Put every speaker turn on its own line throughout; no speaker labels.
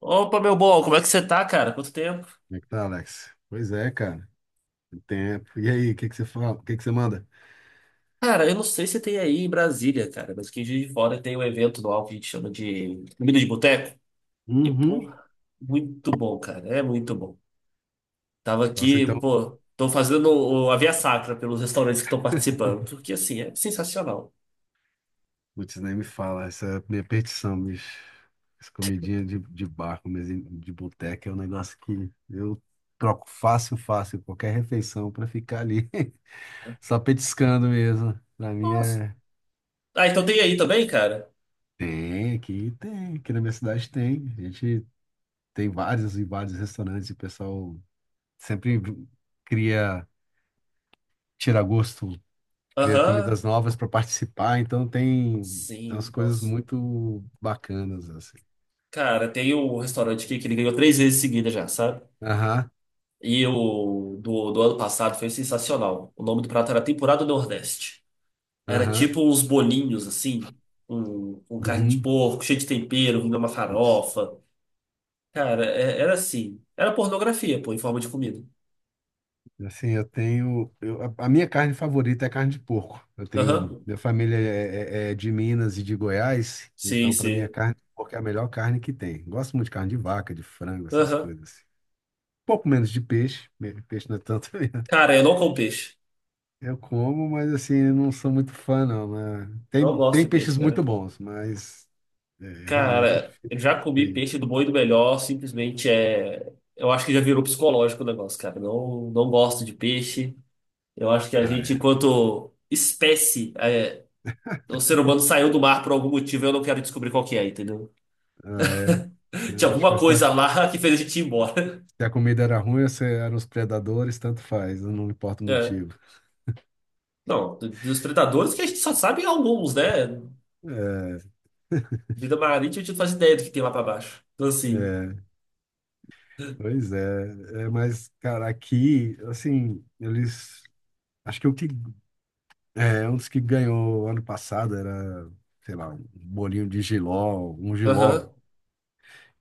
Opa, meu bom, como é que você tá, cara? Quanto tempo?
Como é que tá, Alex? Pois é, cara. Tem tempo. E aí, o que você fala? O que você manda?
Cara, eu não sei se tem aí em Brasília, cara, mas aqui em Juiz de Fora tem um evento anual que a gente chama de Comida de Boteco. E, pô,
Uhum.
muito bom, cara, é muito bom. Tava
Nossa,
aqui,
então,
pô, tô fazendo a via sacra pelos restaurantes que estão participando, porque, assim, é sensacional.
putz, nem me fala. Essa é a minha petição, bicho. Essa comidinha de bar, comezinho de boteca é um negócio que eu troco fácil, fácil, qualquer refeição pra ficar ali, só petiscando mesmo. Pra mim
Nossa.
é.
Ah, então tem aí também, cara?
Tem, aqui na minha cidade tem. A gente tem vários e vários restaurantes e o pessoal sempre cria tira gosto cria comidas
Aham,
novas para participar, então tem, tem umas
sim,
coisas
nossa.
muito bacanas, assim.
Cara, tem um restaurante aqui que ele ganhou três vezes seguida já, sabe?
Aham,
E o do ano passado foi sensacional. O nome do prato era Tempurá do Nordeste. Era
aham,
tipo uns bolinhos, assim, com carne de
uhum.
porco, cheio de tempero, vindo uma
Isso.
farofa. Cara, era assim. Era pornografia, pô, em forma de comida.
Assim, eu tenho. A minha carne favorita é carne de porco. Eu tenho.
Aham.
Minha família é de Minas e de Goiás,
Sim,
então para mim a
sim.
carne de porco é a melhor carne que tem. Gosto muito de carne de vaca, de frango, essas
Aham.
coisas, assim. Um pouco menos de peixe, peixe não é tanto.
Cara, eu não como peixe.
Eu como, mas assim, eu não sou muito fã, não. Né?
Não
Tem,
gosto
tem
de peixe,
peixes muito
cara.
bons, mas é, realmente eu
Cara,
prefiro
eu já comi
coelho.
peixe do bom e do melhor, simplesmente é. Eu acho que já virou psicológico o negócio, cara. Não, não gosto de peixe. Eu acho que a
Ah,
gente,
é.
enquanto espécie, é, o ser humano saiu do mar por algum motivo, eu não quero descobrir qual que é, entendeu?
Ah, é.
Tinha
É. Tipo,
alguma coisa lá que fez a gente ir embora.
se a comida era ruim, ou se eram os predadores, tanto faz, não importa o
É.
motivo.
Não, dos predadores que a gente só sabe alguns, né?
É,
Vida marítima, a gente não faz ideia do que tem lá pra baixo. Então, assim,
é, pois é, é, mas, cara, aqui, assim, eles. Acho que o que. É, um dos que ganhou ano passado era, sei lá, um bolinho de jiló, um jiló,
aham,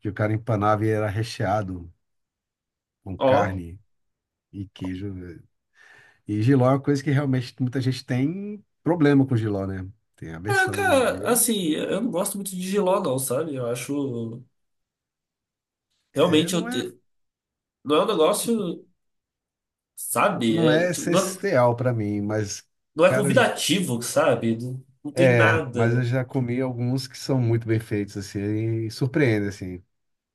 que o cara empanava e era recheado com
ó.
carne e queijo. E giló é uma coisa que realmente muita gente tem problema com giló, né? Tem
Ah,
aversão.
cara,
Eu,
assim, eu não gosto muito de Giló, não, sabe? Eu acho.
é,
Realmente,
não é,
não é um negócio, sabe?
não
É,
é
tipo, não é,
essencial para mim, mas,
não é
cara,
convidativo, sabe? Não, não tem
é, mas eu
nada.
já comi alguns que são muito bem feitos, assim, e surpreende, assim.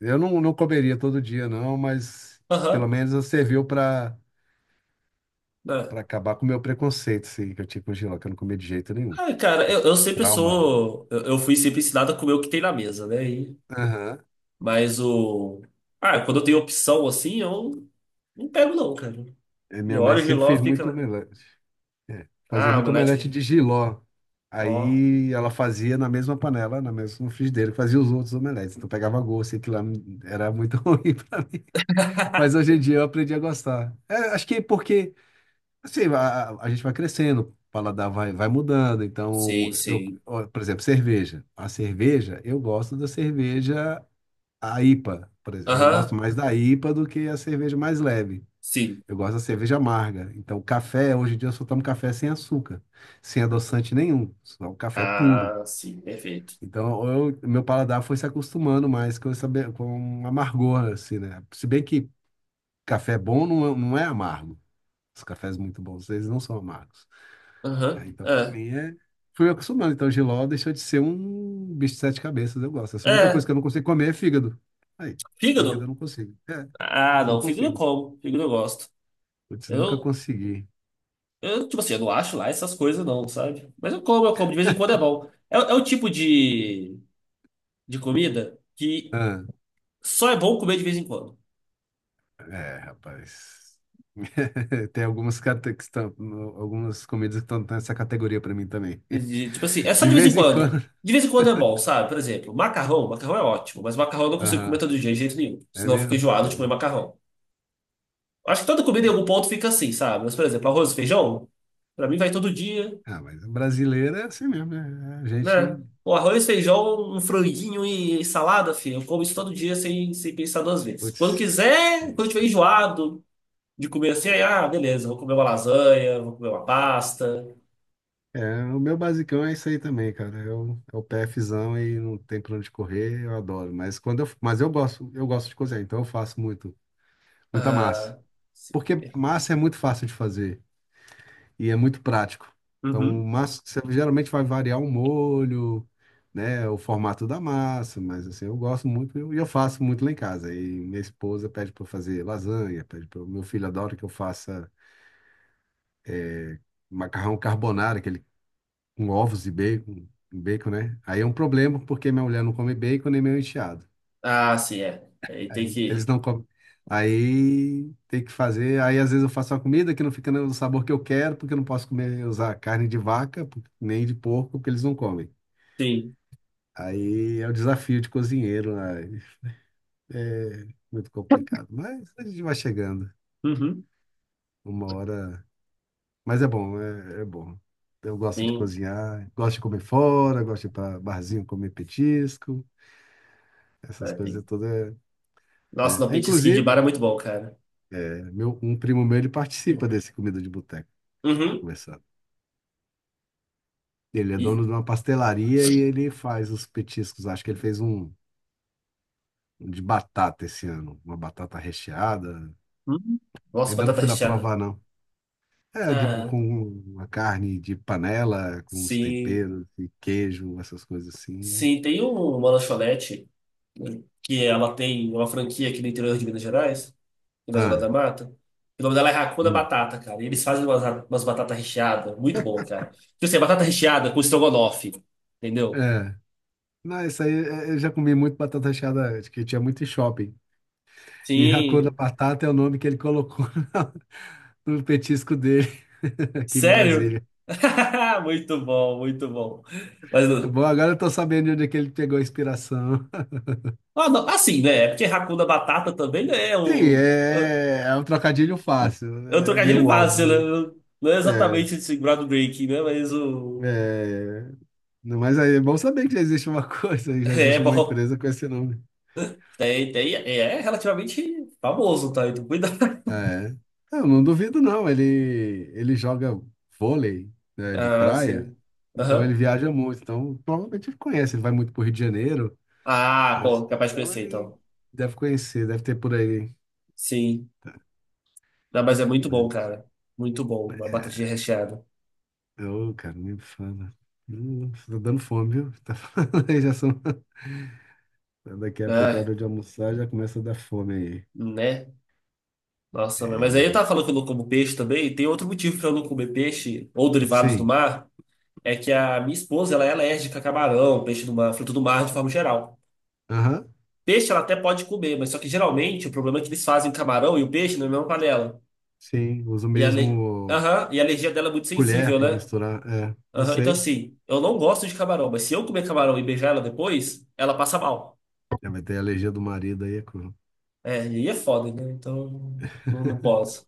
Eu não, não comeria todo dia, não, mas pelo
Aham,
menos serviu para
né?
para acabar com o meu preconceito, assim, que eu tinha com giló, que eu não comia de jeito nenhum.
Ah, cara,
Eu
eu,
tinha
eu sempre
trauma.
sou. Eu fui sempre ensinado a comer o que tem na mesa, né? E-
Aham.
mas o. Ah, quando eu tenho opção assim, eu não pego, não, cara.
E minha
Eu
mãe
olho o
sempre fez
giló, fica
muito
lá.
omelete. É, fazia
Ah,
muito
omelete.
omelete de jiló.
Ó.
Aí ela fazia na mesma panela, na mesma no frigideira, fazia os outros omeletes. Então pegava gosto, e aquilo lá era muito ruim para mim. Mas hoje em dia eu aprendi a gostar. É, acho que porque assim, a gente vai crescendo, o paladar vai mudando. Então,
Sim,
eu,
sim.
ó, por exemplo, cerveja. A cerveja, eu gosto da cerveja a IPA, por exemplo. Eu gosto
Aham,
mais da IPA do que a cerveja mais leve.
sim.
Eu gosto da cerveja amarga. Então, café, hoje em dia eu só tomo café sem açúcar, sem adoçante nenhum, só o café puro.
Ah, sim, perfeito.
Então, meu paladar foi se acostumando mais com essa, com amargor, assim, né? Se bem que café bom não, não é amargo. Os cafés muito bons, eles não são amargos. Ah,
Aham,
então, para
é.
mim, é… fui me acostumando. Então, jiló deixou de ser um bicho de sete cabeças, eu gosto. Essa é a única coisa
É,
que eu não consigo comer é fígado. Aí, fígado eu
fígado?
não consigo. É,
Ah,
não
não, fígado eu
consigo.
como, fígado eu gosto.
Putz, nunca
Eu,
consegui.
eu, tipo assim, eu não acho lá essas coisas não, sabe? Mas eu como, de vez em quando é bom. É, é o tipo de comida que só é bom comer de vez em quando.
É, rapaz. Tem algumas, que estão, algumas comidas que estão nessa categoria para mim também.
De- tipo assim, é só
De
de vez em
vez em quando.
quando. De vez em quando é bom, sabe? Por exemplo, macarrão. Macarrão é ótimo, mas macarrão eu não consigo comer
Aham,
todo dia de jeito nenhum.
é
Senão eu fico
mesmo?
enjoado de comer
Eu,
macarrão. Acho que toda comida em
é.
algum ponto fica assim, sabe? Mas, por exemplo, arroz e feijão, pra mim vai todo dia,
Ah, mas brasileiro é assim mesmo, né? A
né?
gente.
O arroz, feijão, um franguinho e salada, filho. Eu como isso todo dia sem pensar duas vezes. Quando
Putz.
quiser,
E-
quando eu tiver enjoado de comer assim, aí, ah, beleza, vou comer uma lasanha, vou comer uma pasta.
é, o meu basicão é isso aí também, cara. Eu, é o PFzão e não tem pra onde correr, eu adoro. Mas eu gosto de cozinhar, então eu faço muito, muita massa.
Ah, sim.
Porque massa é muito fácil de fazer e é muito prático. Então,
Uhum.
o máximo que você geralmente vai variar o molho, né, o formato da massa, mas assim, eu gosto muito e eu faço muito lá em casa. E minha esposa pede para eu fazer lasanha, pede para meu filho adora que eu faça macarrão carbonara, aquele com ovos e bacon, bacon, né? Aí é um problema porque minha mulher não come bacon nem meu enteado.
Ah, sim, é. Aí tem
Eles
que.
não comem. Aí tem que fazer. Aí às vezes eu faço uma comida que não fica no sabor que eu quero, porque eu não posso comer, usar carne de vaca, nem de porco, porque eles não comem.
Sim.
Aí é o desafio de cozinheiro, né? É muito complicado, mas a gente vai chegando.
Uhum.
Uma hora. Mas é bom, é, é bom. Eu gosto de
Sim.
cozinhar, gosto de comer fora, gosto de ir para barzinho comer petisco, essas
Ah, tem.
coisas todas,
Nossa,
né?
não,
É,
petisquinho de bar
inclusive,
é muito bom, cara.
é, meu, um primo meu, ele participa desse comida de boteco. A gente está
Uhum.
conversando. Ele é
E.
dono de uma pastelaria e ele faz os petiscos. Acho que ele fez um, um de batata esse ano, uma batata recheada.
Uhum. Nossa,
Ainda não
batata
fui lá
recheada.
provar, não. É, de,
Cara,
com uma carne de panela, com os
sim.
temperos e queijo, essas coisas assim.
Sim, tem uma lanchonete, né, que ela tem uma franquia aqui no interior de Minas Gerais, na Zona
Ah,
da Mata. O nome dela é Racuda
hum.
Batata, cara. E eles fazem umas, batatas recheadas. Muito bom, cara. Tipo assim, batata recheada com estrogonofe. Entendeu?
É. Não, isso aí é, eu já comi muito batata recheada antes, que tinha muito em shopping. E a cor da
Sim.
batata é o nome que ele colocou na- no petisco dele aqui em
Sério?
Brasília.
Muito bom, muito bom. Mas,
É bom, agora eu tô sabendo de onde é que ele pegou a inspiração.
ah, não, assim, né? É porque Hakuna Batata também não é
Sim,
o.
é, é um trocadilho fácil,
É um
é meio
trocadilho fácil, né?
óbvio.
Não é
É,
exatamente esse groundbreaking, né? Mas o.
é. Não, mas aí é bom saber que já existe uma coisa, já
É
existe uma
bom.
empresa com esse nome.
Tem, tem, é relativamente famoso, tá? Então, cuidado.
Ah, é. Eu não duvido, não. Ele joga vôlei, né, de
Ah,
praia,
sim.
então ele
Aham.
viaja muito. Então, provavelmente ele conhece. Ele vai muito para Rio de Janeiro,
Ah,
mas
pô, capaz de
então
conhecer,
ele
então.
deve conhecer, deve ter por aí.
Sim. Não, mas é muito
Mas,
bom, cara. Muito bom. Uma batatinha
é,
recheada.
ô, cara, nem fala. Tá dando fome, viu? Tá falando aí, já são… Daqui a pouco, a
Ah,
hora de almoçar, já começa a dar fome aí.
né? Nossa, mãe, mas aí eu tava
É,
falando que eu não como peixe também. Tem outro motivo pra eu não comer peixe ou derivados do
sim,
mar, é que a minha esposa ela é alérgica a camarão, peixe do mar, fruto do mar de forma geral.
aham,
Peixe ela até pode comer, mas só que geralmente o problema é que eles fazem camarão e o peixe na mesma panela.
sim, uso
E a, ale...
mesmo
Aham, e a alergia dela é muito
colher
sensível,
para
né?
misturar, é, eu
Aham, então
sei.
assim, eu não gosto de camarão, mas se eu comer camarão e beijar ela depois, ela passa mal.
É, vai ter a alergia do marido aí, é cru.
É, e aí é foda, né? Então não, não posso.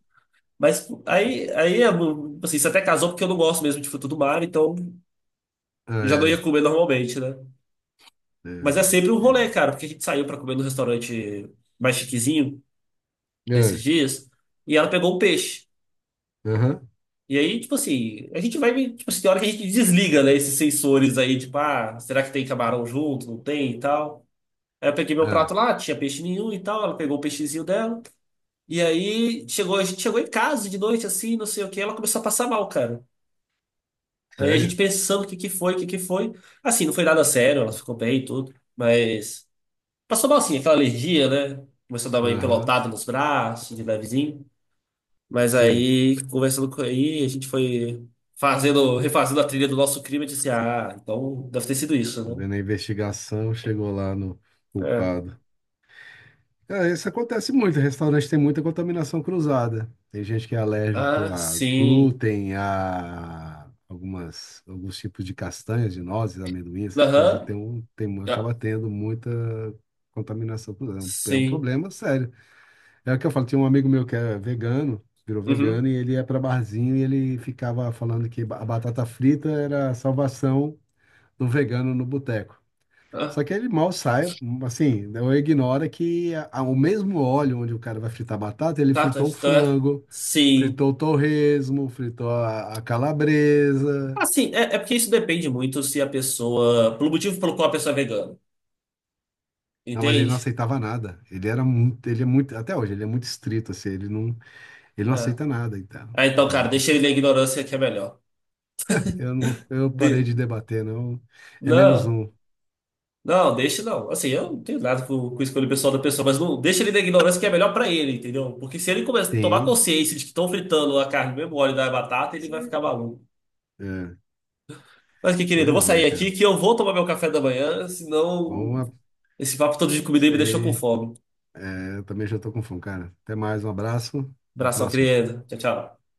Mas aí, é, tipo assim, você até casou porque eu não gosto mesmo de fruto do mar, então já não
Ah,
ia comer normalmente, né?
é,
Mas é sempre um rolê, cara, porque a gente saiu pra comer no restaurante mais chiquezinho
é, é.
esses
É,
dias e ela pegou um peixe.
aham,
E aí, tipo assim, a gente vai, tipo assim, tem hora que a gente desliga, né, esses sensores aí, tipo, ah, será que tem camarão junto? Não tem e tal. Aí eu peguei meu
ah,
prato lá, tinha peixe nenhum e tal, ela pegou o peixezinho dela. E aí chegou, a gente chegou em casa de noite assim, não sei o que, ela começou a passar mal, cara. Aí a gente
sério?
pensando o que que foi, o que que foi. Assim, não foi nada sério, ela ficou bem e tudo, mas passou mal sim, aquela alergia, né? Começou a dar uma
Aham,
empelotada nos braços, de levezinho. Mas
sim.
aí, conversando com aí, a gente foi fazendo, refazendo a trilha do nosso crime e disse, ah, então deve ter sido isso, né?
Fazendo a investigação, chegou lá no
É.
culpado. É, isso acontece muito, restaurante tem muita contaminação cruzada. Tem gente que é alérgico
Ah,
a
sim.
glúten, a algumas, alguns tipos de castanhas, de nozes, amendoim, essas coisas, e
Aham.
tem, um-
Ah,
acaba tendo muita contaminação cruzada. É um
sim.
problema sério. É o que eu falo, tinha um amigo meu que é vegano, virou
Uhum.
vegano, e ele ia para barzinho e ele ficava falando que a batata frita era a salvação do vegano no boteco. Só
Ah,
que ele mal sai, assim, ou ignora que o mesmo óleo onde o cara vai fritar a batata, ele
tá, tá,
fritou o
tá, tá.
frango,
Sim.
fritou o torresmo, fritou a calabresa.
Assim, é, é porque isso depende muito se a pessoa. Pelo motivo pelo qual a pessoa é vegana.
Não, mas ele não
Entende?
aceitava nada. Ele era muito, ele é muito, até hoje, ele é muito estrito, assim, ele não
É.
aceita nada, então.
Ah, então,
Então
cara,
é
deixa ele na
complicado.
ignorância que é melhor.
Eu parei
De...
de debater, não. É menos
Não.
um.
Não, deixa não. Assim, eu não tenho nada com, com a escolha pessoal da pessoa, mas não deixa ele na ignorância que é melhor pra ele, entendeu? Porque se ele começar a tomar
Sim.
consciência de que estão fritando a carne no mesmo óleo da batata, ele vai
Sim.
ficar maluco.
É,
Mas que querido, eu vou
pois é,
sair
cara.
aqui que eu vou tomar meu café da manhã, senão
Bom,
esse papo todo de comida
isso
aí me deixou com
aí.
fome.
É, eu também já tô com fome, cara. Até mais, um abraço. Até a
Abração,
próxima.
querido. Tchau, tchau.